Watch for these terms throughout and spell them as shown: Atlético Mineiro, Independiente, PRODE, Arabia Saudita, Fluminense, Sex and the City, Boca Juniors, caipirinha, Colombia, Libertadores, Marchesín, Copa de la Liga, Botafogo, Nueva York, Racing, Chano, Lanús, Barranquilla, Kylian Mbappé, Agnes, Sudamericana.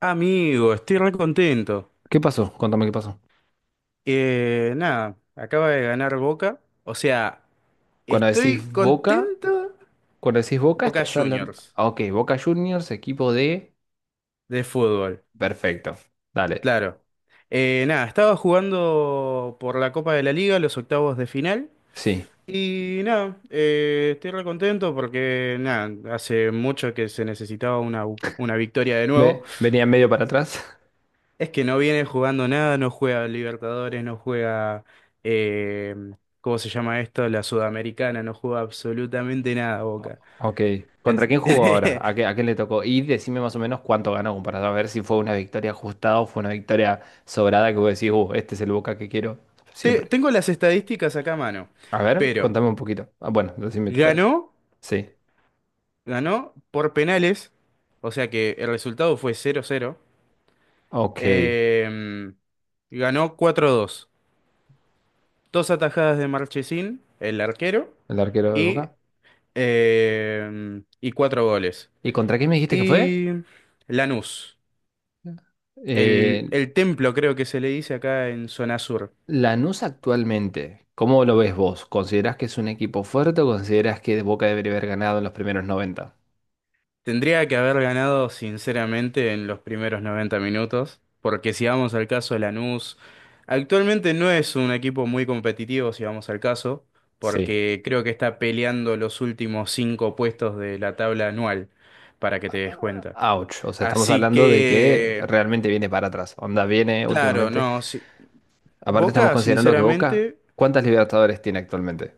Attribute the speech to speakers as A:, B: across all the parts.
A: Amigo, estoy re contento.
B: ¿Qué pasó? Contame qué pasó.
A: Nada, acaba de ganar Boca. O sea,
B: Cuando decís
A: estoy
B: Boca,
A: contento.
B: cuando decís Boca,
A: Boca
B: estás hablando.
A: Juniors
B: Ah, Ok, Boca Juniors, equipo de.
A: de fútbol,
B: Perfecto. Dale.
A: claro. Nada, estaba jugando por la Copa de la Liga, los octavos de final.
B: Sí.
A: Y nada, estoy re contento porque nada, hace mucho que se necesitaba una victoria de nuevo.
B: Venía medio para atrás.
A: Es que no viene jugando nada, no juega Libertadores, no juega, eh, ¿cómo se llama esto? La Sudamericana, no juega absolutamente nada, Boca.
B: Ok. ¿Contra
A: En-
B: quién jugó ahora? ¿A qué, a quién le tocó? Y decime más o menos cuánto ganó para saber si fue una victoria ajustada o fue una victoria sobrada que vos decís, este es el Boca que quiero siempre.
A: Tengo las estadísticas acá a mano,
B: A ver,
A: pero
B: contame un poquito. Ah, bueno, decime tú, pero.
A: ganó,
B: Sí.
A: ganó por penales, o sea que el resultado fue 0-0.
B: Ok. El
A: eh, ganó 4-2, dos dos atajadas de Marchesín, el arquero,
B: arquero de
A: y,
B: Boca.
A: y cuatro goles.
B: ¿Y contra quién me dijiste que fue?
A: Y Lanús. El,
B: Eh,
A: el templo creo que se le dice acá en zona sur.
B: Lanús actualmente, ¿cómo lo ves vos? ¿Considerás que es un equipo fuerte o considerás que Boca debería haber ganado en los primeros 90?
A: Tendría que haber ganado sinceramente en los primeros 90 minutos, porque si vamos al caso de Lanús, actualmente no es un equipo muy competitivo si vamos al caso,
B: Sí.
A: porque creo que está peleando los últimos cinco puestos de la tabla anual, para que te des cuenta.
B: Ouch, o sea, estamos
A: Así
B: hablando de que
A: que,
B: realmente viene para atrás. Onda viene
A: claro,
B: últimamente.
A: no, sí.
B: Aparte estamos
A: Boca
B: considerando que Boca,
A: sinceramente,
B: ¿cuántas Libertadores tiene actualmente?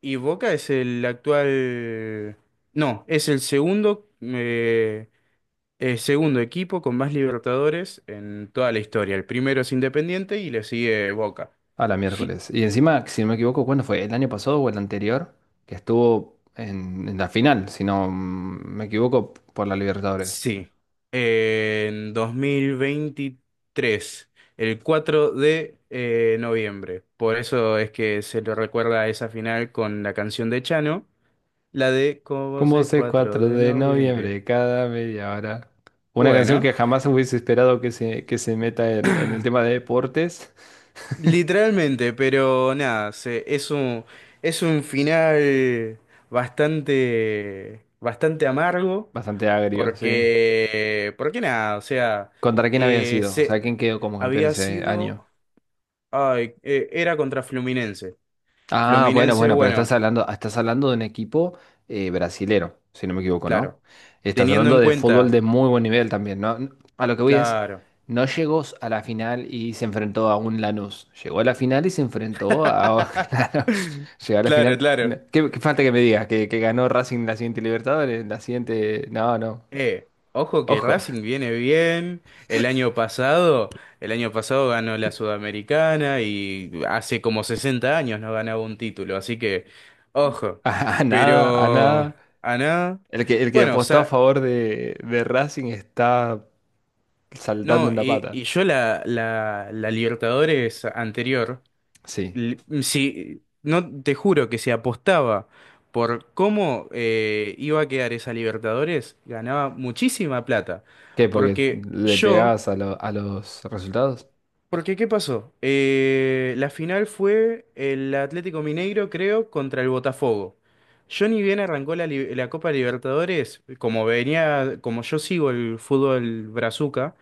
A: y Boca es el actual. No, es el segundo. Segundo equipo con más Libertadores en toda la historia. El primero es Independiente y le sigue Boca.
B: A la miércoles. Y encima, si no me equivoco, ¿cuándo fue? ¿El año pasado o el anterior? Que estuvo en la final, si no me equivoco, por la Libertadores.
A: Sí. En 2023 el 4 de noviembre. Por eso es que se lo recuerda a esa final con la canción de Chano, la de Con vos
B: Como
A: es
B: sé
A: 4
B: 4
A: de
B: de
A: noviembre.
B: noviembre cada media hora. Una canción
A: Bueno,
B: que jamás hubiese esperado que se meta en el tema de deportes.
A: literalmente, pero nada, es un final bastante, bastante amargo.
B: Bastante agrio, sí.
A: Porque nada, o sea,
B: ¿Contra quién había
A: eh,
B: sido? O
A: se,
B: sea, ¿quién quedó como campeón
A: había
B: ese año?
A: sido, ay, era contra Fluminense.
B: Ah, bueno,
A: Fluminense,
B: bueno, pero
A: bueno,
B: estás hablando de un equipo brasilero, si no me equivoco, ¿no?
A: claro,
B: Estás
A: teniendo
B: hablando
A: en
B: de fútbol
A: cuenta,
B: de muy buen nivel también, ¿no? A lo que voy es,
A: claro,
B: no llegó a la final y se enfrentó a un Lanús. Llegó a la final y se enfrentó a... Claro, llegó a la
A: claro,
B: final. No,
A: claro.
B: ¿qué, qué falta que me digas? Que ganó Racing la siguiente Libertadores? La siguiente... No, no.
A: Ojo que
B: Ojo.
A: Racing viene bien. El año pasado, el año pasado ganó la Sudamericana y hace como 60 años no ganaba un título, así que, ojo.
B: A, a nada, a
A: Pero,
B: nada.
A: a nada.
B: El que
A: Bueno, o
B: apostó a
A: sea.
B: favor de Racing está saltando
A: No,
B: en la
A: y,
B: pata.
A: y yo la Libertadores anterior,
B: Sí.
A: l- si, no te juro que se apostaba por cómo iba a quedar esa Libertadores, ganaba muchísima plata.
B: ¿Qué? ¿Porque
A: Porque
B: le
A: yo,
B: pegabas a, a los resultados?
A: porque ¿qué pasó? La final fue el Atlético Mineiro, creo, contra el Botafogo. Yo ni bien arrancó la Copa Libertadores, como venía, como yo sigo el fútbol brazuca.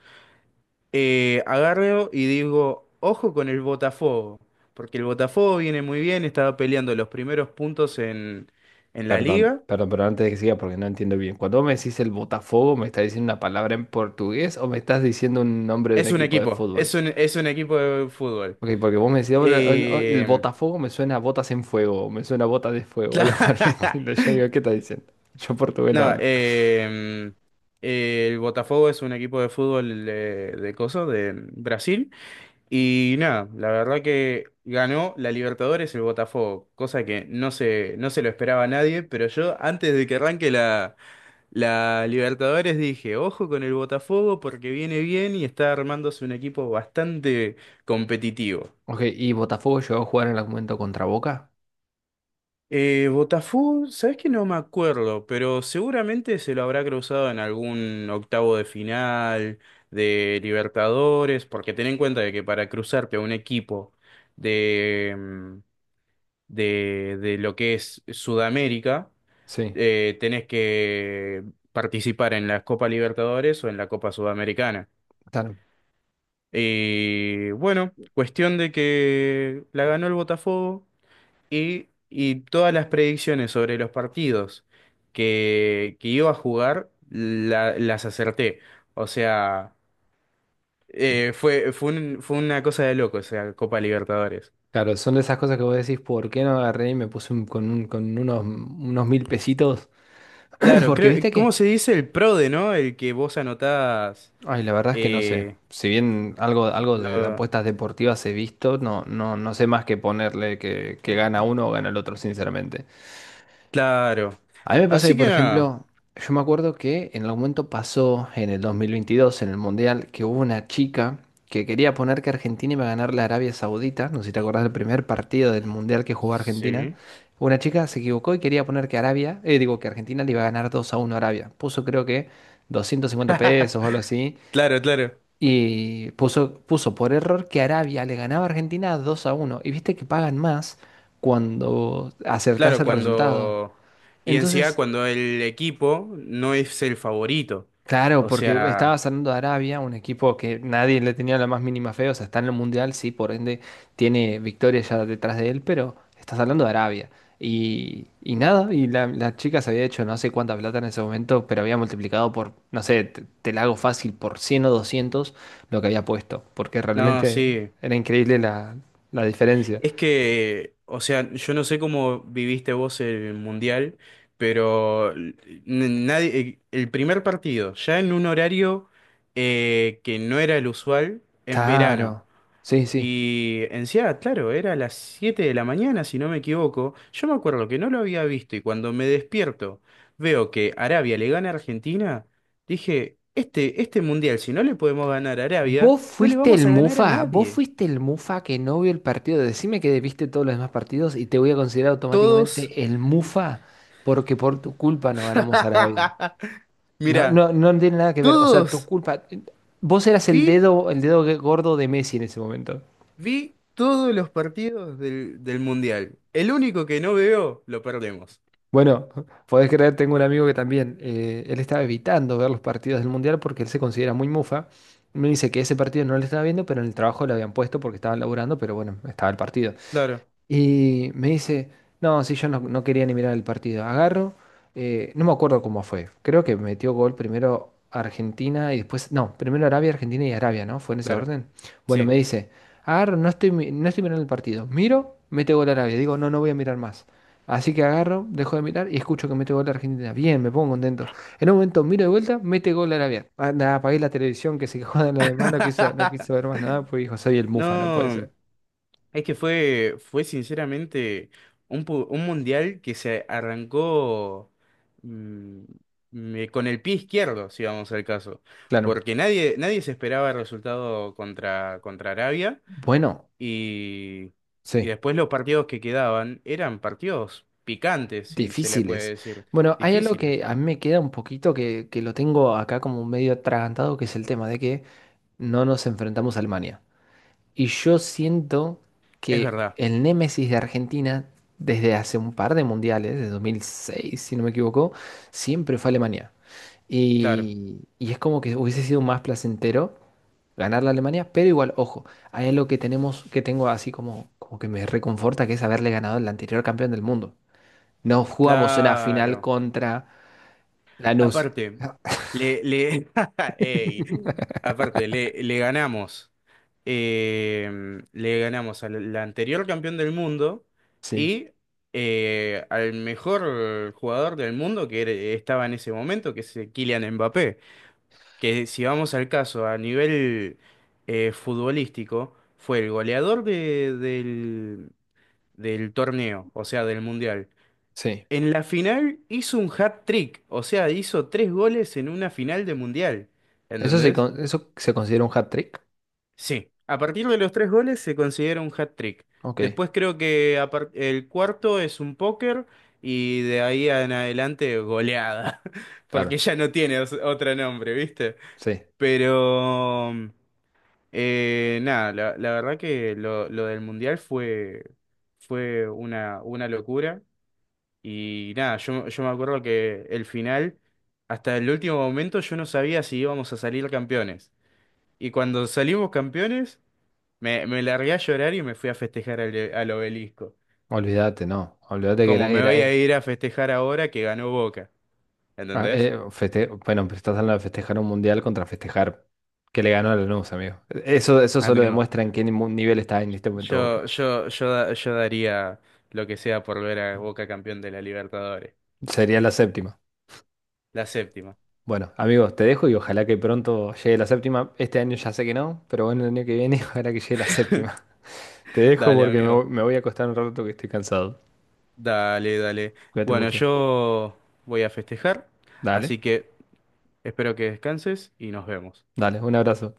A: Agarro y digo, ojo con el Botafogo, porque el Botafogo viene muy bien, estaba peleando los primeros puntos en la
B: Perdón,
A: liga.
B: perdón, pero antes de que siga, porque no entiendo bien. Cuando vos me decís el Botafogo, ¿me estás diciendo una palabra en portugués o me estás diciendo un nombre de un
A: Es un
B: equipo de
A: equipo,
B: fútbol?
A: es un, es un equipo de fútbol.
B: Ok, porque vos me decís: "Ahora, oh, el
A: Eh,
B: Botafogo me suena a botas en fuego, o me suena a botas de fuego", algo por el
A: cla-
B: estilo. Yo digo, ¿qué estás diciendo? Yo portugués no
A: no,
B: hablo.
A: el Botafogo es un equipo de fútbol de coso, de Brasil. Y nada, la verdad que ganó la Libertadores el Botafogo, cosa que no se lo esperaba a nadie, pero yo antes de que arranque la Libertadores dije, ojo con el Botafogo porque viene bien y está armándose un equipo bastante competitivo.
B: Ok, ¿y Botafogo llegó a jugar en algún momento contra Boca?
A: Botafogo, sabes que no me acuerdo, pero seguramente se lo habrá cruzado en algún octavo de final de Libertadores, porque ten en cuenta de que para cruzarte a un equipo de, mm, de lo que es Sudamérica,
B: Sí,
A: tenés que participar en la Copa Libertadores o en la Copa Sudamericana.
B: claro.
A: Y bueno, cuestión de que la ganó el Botafogo y todas las predicciones sobre los partidos que iba a jugar las acerté. O sea, fue una cosa de loco, o sea, Copa Libertadores.
B: Claro, son de esas cosas que vos decís, ¿por qué no agarré y me puse con unos mil pesitos?
A: Claro,
B: Porque
A: creo,
B: viste que
A: ¿cómo se dice el PRODE, no? El que vos anotás.
B: ay, la verdad es que no sé.
A: eh,
B: Si bien algo, algo de
A: lo-
B: apuestas deportivas he visto, no, no, no sé más que ponerle que gana uno o gana el otro, sinceramente.
A: claro.
B: A mí me pasa que,
A: Así que
B: por
A: nada.
B: ejemplo, yo me acuerdo que en algún momento pasó en el 2022, en el Mundial, que hubo una chica que quería poner que Argentina iba a ganar la Arabia Saudita. No sé si te acordás del primer partido del Mundial que jugó Argentina.
A: Sí.
B: Una chica se equivocó y quería poner que Arabia, digo, que Argentina le iba a ganar 2 a 1 a Arabia. Puso creo que $250 o algo así.
A: Claro, claro.
B: Y puso, puso por error que Arabia le ganaba a Argentina 2-1. Y viste que pagan más cuando acertás
A: Claro,
B: el resultado.
A: cuando. Y en sí encima
B: Entonces,
A: cuando el equipo no es el favorito.
B: claro,
A: O
B: porque estaba
A: sea,
B: saliendo de Arabia, un equipo que nadie le tenía la más mínima fe, o sea, está en el Mundial, sí, por ende tiene victorias ya detrás de él, pero estás hablando de Arabia. Y nada, y la chica se había hecho no sé cuánta plata en ese momento, pero había multiplicado por, no sé, te la hago fácil, por 100 o 200 lo que había puesto, porque
A: no,
B: realmente
A: sí.
B: era increíble la diferencia.
A: Es que, o sea, yo no sé cómo viviste vos el mundial, pero nadie, el primer partido, ya en un horario que no era el usual, en verano.
B: Claro, sí, sí.
A: Y encima, claro, era a las 7 de la mañana, si no me equivoco. Yo me acuerdo que no lo había visto y cuando me despierto veo que Arabia le gana a Argentina, dije, este mundial, si no le podemos ganar a Arabia,
B: Vos
A: no le
B: fuiste el
A: vamos a ganar a
B: mufa, vos
A: nadie.
B: fuiste el mufa que no vio el partido. Decime que viste todos los demás partidos y te voy a considerar
A: Todos,
B: automáticamente el mufa porque por tu culpa no ganamos Arabia. No,
A: mirá,
B: no, no tiene nada que ver. O sea, tu
A: todos,
B: culpa. Vos eras
A: vi,
B: el dedo gordo de Messi en ese momento.
A: vi todos los partidos del mundial. El único que no veo, lo perdemos.
B: Bueno, podés creer, tengo un amigo que también, él estaba evitando ver los partidos del Mundial porque él se considera muy mufa. Me dice que ese partido no lo estaba viendo, pero en el trabajo lo habían puesto porque estaban laburando, pero bueno, estaba el partido.
A: Claro,
B: Y me dice, no, sí, yo no quería ni mirar el partido. Agarro, no me acuerdo cómo fue. Creo que metió gol primero Argentina y después, no, primero Arabia, Argentina y Arabia, ¿no? Fue en ese
A: claro,
B: orden. Bueno,
A: sí.
B: me dice, agarro, no estoy, no estoy mirando el partido. Miro, mete gol Arabia. Digo, no, no voy a mirar más. Así que agarro, dejo de mirar y escucho que mete gol Argentina. Bien, me pongo contento. En un momento miro de vuelta, mete gol Arabia. Ah, nada, apagué la televisión, que se quejó de lo demás, no quiso, no quiso ver más nada, pues dijo, soy el Mufa, no puede
A: No.
B: ser.
A: Es que fue sinceramente un mundial que se arrancó mm, con el pie izquierdo, si vamos al caso,
B: Claro.
A: porque nadie se esperaba el resultado contra Arabia
B: Bueno,
A: y, y
B: sí.
A: después los partidos que quedaban eran partidos picantes, si se le puede
B: Difíciles.
A: decir,
B: Bueno, hay algo que
A: difíciles.
B: a mí me queda un poquito que lo tengo acá como medio atragantado, que es el tema de que no nos enfrentamos a Alemania. Y yo siento
A: Es
B: que
A: verdad,
B: el némesis de Argentina, desde hace un par de mundiales, de 2006, si no me equivoco, siempre fue Alemania.
A: claro,
B: Y es como que hubiese sido más placentero ganar la Alemania, pero igual, ojo, hay algo que tenemos, que tengo así como, como que me reconforta, que es haberle ganado al anterior campeón del mundo. No jugamos una final
A: claro.
B: contra Lanús.
A: Aparte, le, le, ey, aparte, le ganamos. eh, le ganamos la anterior campeón del mundo
B: Sí,
A: y al mejor jugador del mundo que estaba en ese momento, que es Kylian Mbappé, que si vamos al caso a nivel futbolístico, fue el goleador del torneo, o sea, del mundial.
B: sí.
A: En la final hizo un hat-trick, o sea, hizo tres goles en una final de mundial,
B: ¿Eso se,
A: ¿entendés?
B: eso se considera un hat-trick?
A: Sí, a partir de los tres goles se considera un hat-trick.
B: Ok,
A: Después creo que el cuarto es un póker y de ahí en adelante goleada, porque
B: claro.
A: ya no tiene otro nombre, ¿viste?
B: Sí.
A: Pero nada, la verdad que lo del mundial fue una locura y nada, yo me acuerdo que el final, hasta el último momento yo no sabía si íbamos a salir campeones. Y cuando salimos campeones. Me largué a llorar y me fui a festejar al obelisco.
B: Olvídate, no. Olvídate que
A: Como
B: era...
A: me
B: era
A: voy a ir a festejar ahora que ganó Boca.
B: ah,
A: ¿Entendés?
B: bueno, pues estás hablando de festejar un mundial contra festejar que le ganó a Lanús, amigo. Eso solo
A: Amigo,
B: demuestra en qué nivel está en este momento Boca.
A: yo daría lo que sea por ver a Boca campeón de la Libertadores.
B: Sería la séptima.
A: La séptima.
B: Bueno, amigos, te dejo y ojalá que pronto llegue la séptima. Este año ya sé que no, pero bueno, el año que viene ojalá que llegue la séptima. Te dejo
A: Dale,
B: porque me,
A: amigo.
B: me voy a acostar un rato que estoy cansado.
A: Dale, dale.
B: Cuídate
A: Bueno,
B: mucho.
A: yo voy a festejar,
B: Dale,
A: así que espero que descanses y nos vemos.
B: dale, un abrazo.